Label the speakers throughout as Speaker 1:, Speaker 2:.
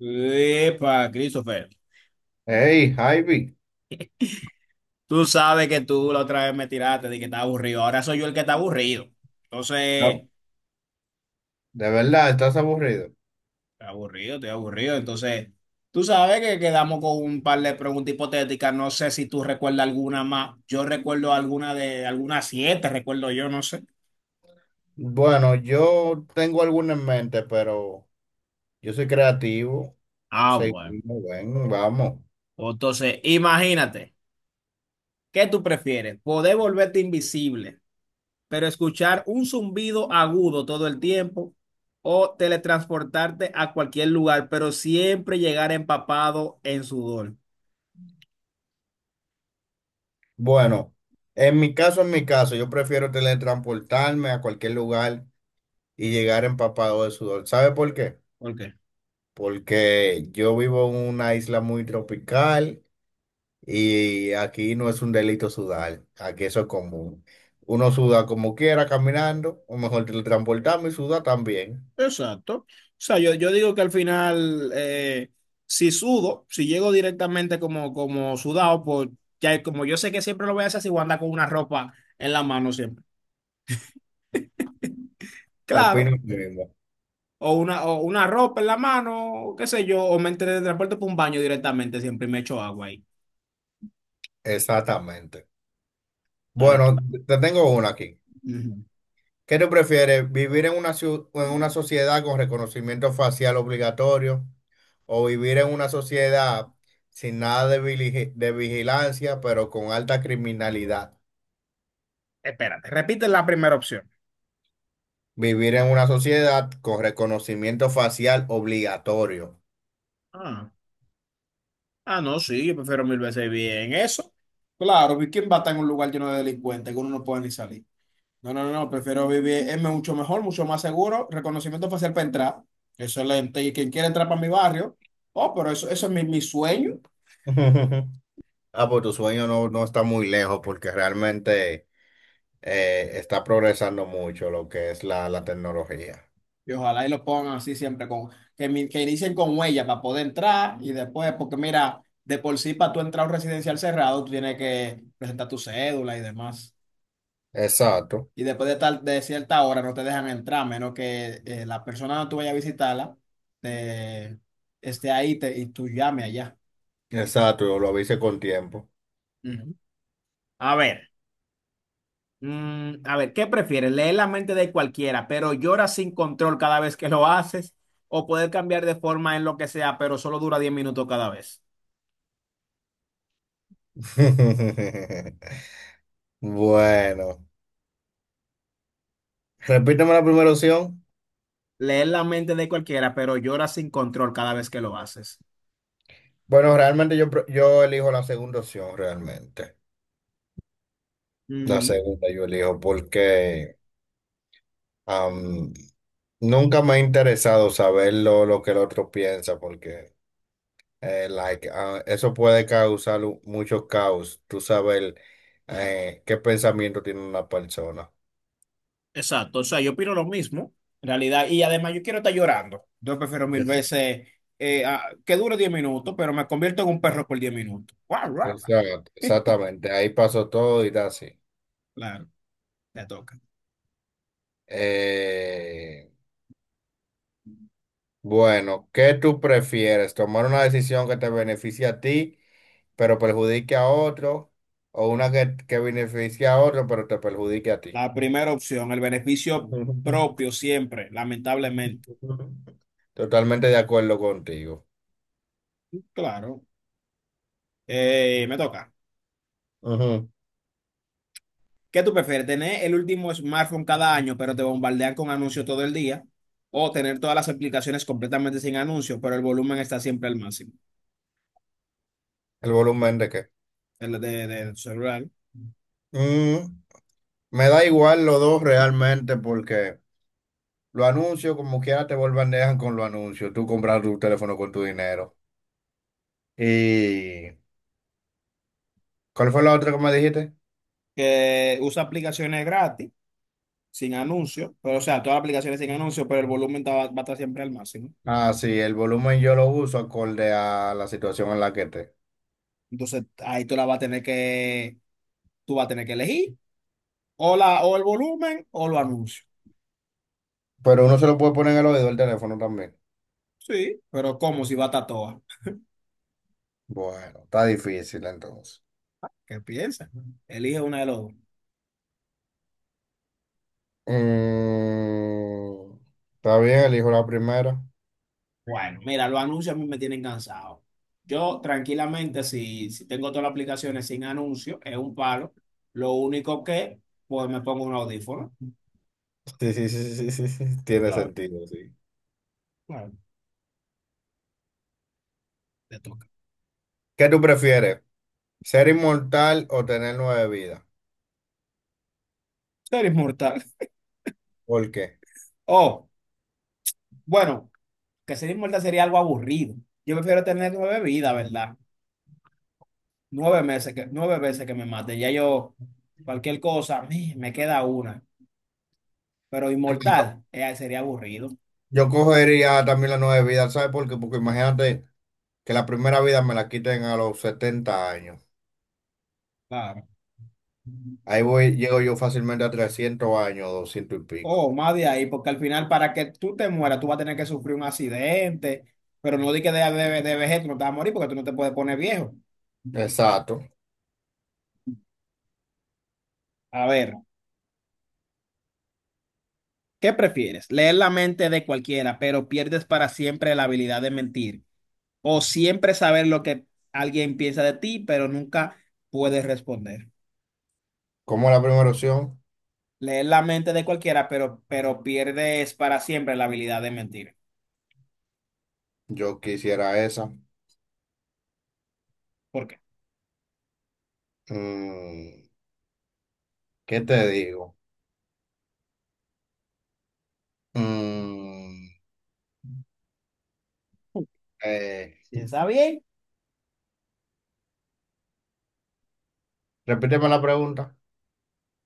Speaker 1: Epa, Christopher,
Speaker 2: Hey, Ivy,
Speaker 1: tú sabes que tú la otra vez me tiraste de que está aburrido. Ahora soy yo el que está aburrido.
Speaker 2: no,
Speaker 1: Entonces,
Speaker 2: de verdad, estás aburrido.
Speaker 1: estoy aburrido, estoy aburrido. Entonces, tú sabes que quedamos con un par de preguntas hipotéticas. No sé si tú recuerdas alguna más. Yo recuerdo alguna de algunas siete, recuerdo yo, no sé.
Speaker 2: Bueno, yo tengo alguna en mente, pero yo soy creativo.
Speaker 1: Ah, bueno.
Speaker 2: Seguimos, ven, vamos.
Speaker 1: Entonces, imagínate, ¿qué tú prefieres? ¿Poder volverte invisible, pero escuchar un zumbido agudo todo el tiempo, o teletransportarte a cualquier lugar, pero siempre llegar empapado en sudor?
Speaker 2: Bueno, en mi caso, yo prefiero teletransportarme a cualquier lugar y llegar empapado de sudor. ¿Sabe por qué?
Speaker 1: ¿Por qué?
Speaker 2: Porque yo vivo en una isla muy tropical y aquí no es un delito sudar, aquí eso es común. Uno suda como quiera caminando, o mejor teletransportarme y suda también.
Speaker 1: Exacto. O sea, yo digo que al final, si sudo, si llego directamente como sudado, pues ya como yo sé que siempre lo voy a hacer, si voy a andar con una ropa en la mano siempre.
Speaker 2: Opino
Speaker 1: Claro,
Speaker 2: lo mismo.
Speaker 1: o una ropa en la mano, qué sé yo, o me teletransporto por un baño directamente siempre y me echo agua ahí.
Speaker 2: Exactamente.
Speaker 1: Dale tú.
Speaker 2: Bueno, te tengo una aquí.
Speaker 1: Ujú.
Speaker 2: ¿Qué te prefieres, vivir en una, en una sociedad con reconocimiento facial obligatorio o vivir en una sociedad sin nada de, de vigilancia, pero con alta criminalidad?
Speaker 1: Espérate, repite la primera opción.
Speaker 2: Vivir en una sociedad con reconocimiento facial obligatorio.
Speaker 1: Ah, ah, no, sí, yo prefiero mil veces bien eso. Claro, ¿quién va a estar en un lugar lleno de delincuentes que uno no puede ni salir? No, no, no, no, prefiero vivir, es mucho mejor, mucho más seguro, reconocimiento facial para entrar, excelente, y quien quiera entrar para mi barrio, oh, pero eso es mi sueño,
Speaker 2: Ah, pues tu sueño no, no está muy lejos porque realmente está progresando mucho lo que es la tecnología.
Speaker 1: y ojalá y lo pongan así siempre, que inicien con huella para poder entrar, y después, porque mira, de por sí para tú entrar a un residencial cerrado, tú tienes que presentar tu cédula y demás.
Speaker 2: Exacto.
Speaker 1: Y después de cierta hora no te dejan entrar, a menos que la persona donde tú vayas a visitarla eh, y tú llame allá.
Speaker 2: Exacto, yo lo avisé con tiempo.
Speaker 1: Ujú. A ver, a ver, ¿qué prefieres? ¿Leer la mente de cualquiera, pero lloras sin control cada vez que lo haces, o poder cambiar de forma en lo que sea, pero solo dura 10 minutos cada vez?
Speaker 2: Bueno, repíteme la primera opción.
Speaker 1: Leer la mente de cualquiera, pero lloras sin control cada vez que lo haces.
Speaker 2: Bueno, realmente yo elijo la segunda opción, realmente. La segunda yo elijo porque am, nunca me ha interesado saber lo que el otro piensa, porque like, ah, eso puede causar mucho caos, tú saber qué pensamiento tiene una persona.
Speaker 1: Exacto, o sea, yo opino lo mismo, en realidad, y además yo quiero estar llorando. Yo prefiero mil
Speaker 2: Es-
Speaker 1: veces que dure 10 minutos, pero me convierto en un perro por 10 minutos. Guau, guau, guau.
Speaker 2: Exacto, exactamente, ahí pasó todo y da así.
Speaker 1: Claro, te toca.
Speaker 2: Eh, bueno, ¿qué tú prefieres? ¿Tomar una decisión que te beneficie a ti, pero perjudique a otro? ¿O una que beneficie a otro, pero te perjudique a ti?
Speaker 1: La primera opción, el beneficio propio siempre, lamentablemente.
Speaker 2: Totalmente de acuerdo contigo.
Speaker 1: Claro, eh, me toca.
Speaker 2: Ujú.
Speaker 1: ¿Qué tú prefieres? ¿Tener el último smartphone cada año, pero te bombardean con anuncios todo el día, o tener todas las aplicaciones completamente sin anuncios, pero el volumen está siempre al máximo?
Speaker 2: ¿El volumen de qué?
Speaker 1: El de tu celular.
Speaker 2: Mm, me da igual los dos realmente porque los anuncios, como quiera, te vuelvan dejan con los anuncios. Tú compras tu teléfono con tu dinero. ¿Y cuál fue la otra que me dijiste?
Speaker 1: Que usa aplicaciones gratis, sin anuncios, pero o sea, todas las aplicaciones sin anuncios, pero el volumen a estar siempre al máximo.
Speaker 2: Ah, sí, el volumen yo lo uso acorde a la situación en la que esté.
Speaker 1: Entonces, ahí tú la vas a tener que, tú vas a tener que elegir o el volumen o los anuncios.
Speaker 2: Pero uno se lo puede poner en el oído del teléfono también.
Speaker 1: Sí, pero ¿cómo si va a estar toda?
Speaker 2: Bueno, está difícil entonces.
Speaker 1: ¿Qué piensas? Elige una de los dos.
Speaker 2: Mm, está bien, elijo la primera.
Speaker 1: Bueno, mira, los anuncios a mí me tienen cansado. Yo tranquilamente, si tengo todas las aplicaciones sin anuncios, es un palo. Lo único que, pues me pongo un audífono.
Speaker 2: Sí, sí, sí, sí, sí, sí, sí. Tiene
Speaker 1: Claro,
Speaker 2: sentido, sí.
Speaker 1: claro, te toca.
Speaker 2: ¿Qué tú prefieres? ¿Ser inmortal o tener 9 vidas?
Speaker 1: Tú eres mortal.
Speaker 2: ¿Por qué?
Speaker 1: Oh. Bueno, que ser inmortal sería algo aburrido. Yo prefiero tener 9 vidas, ¿verdad? 9 meses que, 9 veces que me mate. Ya yo, cualquier cosa, me queda una. Pero
Speaker 2: Claro,
Speaker 1: inmortal, sería aburrido.
Speaker 2: yo cogería también las 9 vidas, ¿sabes por qué? Porque imagínate que la primera vida me la quiten a los 70 años.
Speaker 1: Claro.
Speaker 2: Ahí voy, llego yo fácilmente a 300 años, 200 y
Speaker 1: O
Speaker 2: pico.
Speaker 1: más de ahí, porque al final, para que tú te mueras, tú vas a tener que sufrir un accidente. Pero no di que de vejez tú no te vas a morir porque tú no te puedes poner viejo.
Speaker 2: Exacto.
Speaker 1: A ver, ¿qué prefieres? Leer la mente de cualquiera, pero pierdes para siempre la habilidad de mentir, o siempre saber lo que alguien piensa de ti, pero nunca puedes responder.
Speaker 2: Como la primera opción,
Speaker 1: Leer la mente de cualquiera, pero pierdes para siempre la habilidad de mentir.
Speaker 2: yo quisiera esa.
Speaker 1: ¿Por qué?
Speaker 2: Mm, ¿qué te digo? Mm, eh,
Speaker 1: Piensa bien,
Speaker 2: repíteme la pregunta.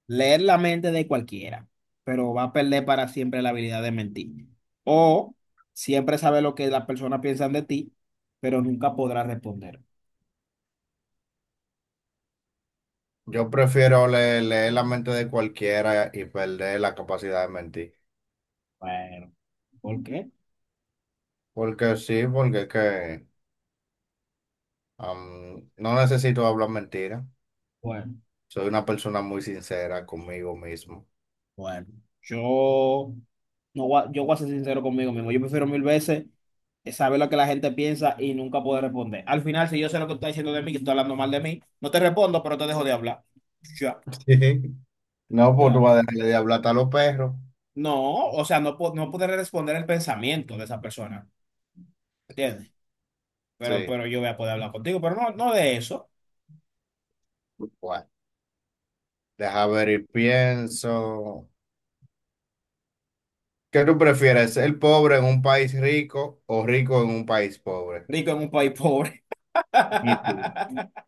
Speaker 1: leer la mente de cualquiera, pero va a perder para siempre la habilidad de mentir. O siempre saber lo que las personas piensan de ti, pero nunca podrás responder.
Speaker 2: Yo prefiero leer, la mente de cualquiera y perder la capacidad de mentir.
Speaker 1: Bueno, ¿por qué?
Speaker 2: Porque sí, porque es que no necesito hablar mentira.
Speaker 1: Bueno.
Speaker 2: Soy una persona muy sincera conmigo mismo.
Speaker 1: Bueno, yo no voy a- yo voy a ser sincero conmigo mismo. Yo prefiero mil veces saber lo que la gente piensa y nunca poder responder. Al final, si yo sé lo que tú estás diciendo de mí, que tú estás hablando mal de mí, no te respondo, pero te dejo de hablar. Ya,
Speaker 2: No, pues tú
Speaker 1: claro.
Speaker 2: vas a dejar de hablar hasta a los perros.
Speaker 1: No, o sea, no poder responder el pensamiento de esa persona, ¿entiendes?
Speaker 2: Sí.
Speaker 1: Pero yo voy a poder hablar contigo, pero no de eso.
Speaker 2: Bueno, deja ver y pienso. ¿Qué tú prefieres, ser pobre en un país rico o rico en un país pobre?
Speaker 1: Rico en un país pobre.
Speaker 2: Y tú.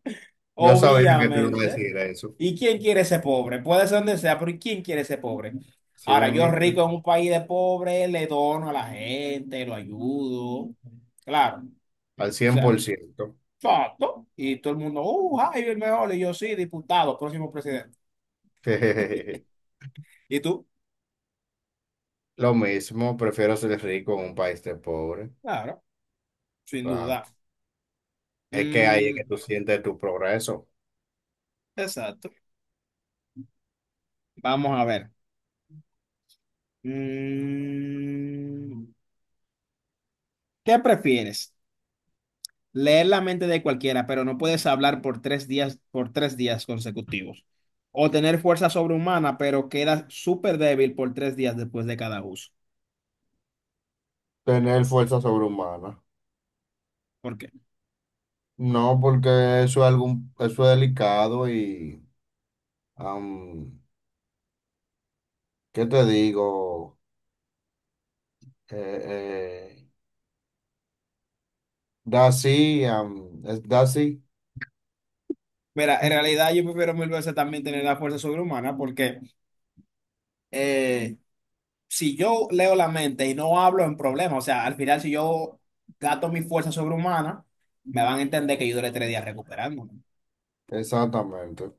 Speaker 2: Yo sabía que tú ibas a
Speaker 1: Obviamente.
Speaker 2: decir eso.
Speaker 1: ¿Y quién quiere ser pobre? Puede ser donde sea, pero ¿quién quiere ser pobre?
Speaker 2: Sí,
Speaker 1: Ahora,
Speaker 2: me
Speaker 1: yo
Speaker 2: mismo,
Speaker 1: rico en un país de pobre, le dono a la gente, lo ayudo. Claro. O
Speaker 2: al cien
Speaker 1: sea,
Speaker 2: por ciento,
Speaker 1: exacto. Y todo el mundo, Jaime el mejor. Y yo, sí, diputado, próximo presidente. ¿Y tú?
Speaker 2: Lo mismo, prefiero ser rico en un país de pobre.
Speaker 1: Claro, sin
Speaker 2: Claro.
Speaker 1: duda.
Speaker 2: Es que ahí es que
Speaker 1: Mm,
Speaker 2: tú sientes tu progreso.
Speaker 1: exacto. Vamos a ver. Mm, ¿qué prefieres? Leer la mente de cualquiera, pero no puedes hablar por 3 días, por tres días consecutivos. O tener fuerza sobrehumana, pero quedas súper débil por 3 días después de cada uso.
Speaker 2: Tener fuerza sobrehumana.
Speaker 1: ¿Por qué?
Speaker 2: No, porque eso es algún, eso es delicado y, am, ¿qué te digo? Eh, eh, Daisy, es Daisy.
Speaker 1: Mira, en realidad yo prefiero mil veces también tener la fuerza sobrehumana porque eh, si yo leo la mente y no hablo en problemas, o sea, al final si yo gasto mi fuerza sobrehumana, me van a entender que yo duré 3 días recuperándome.
Speaker 2: Exactamente.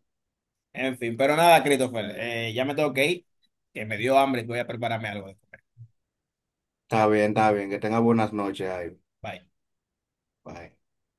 Speaker 1: En fin, pero nada, Christopher, ya me tengo que ir, que me dio hambre y voy a prepararme algo de comer.
Speaker 2: Está bien, está bien. Que tenga buenas noches ahí.
Speaker 1: Bye.
Speaker 2: Bye.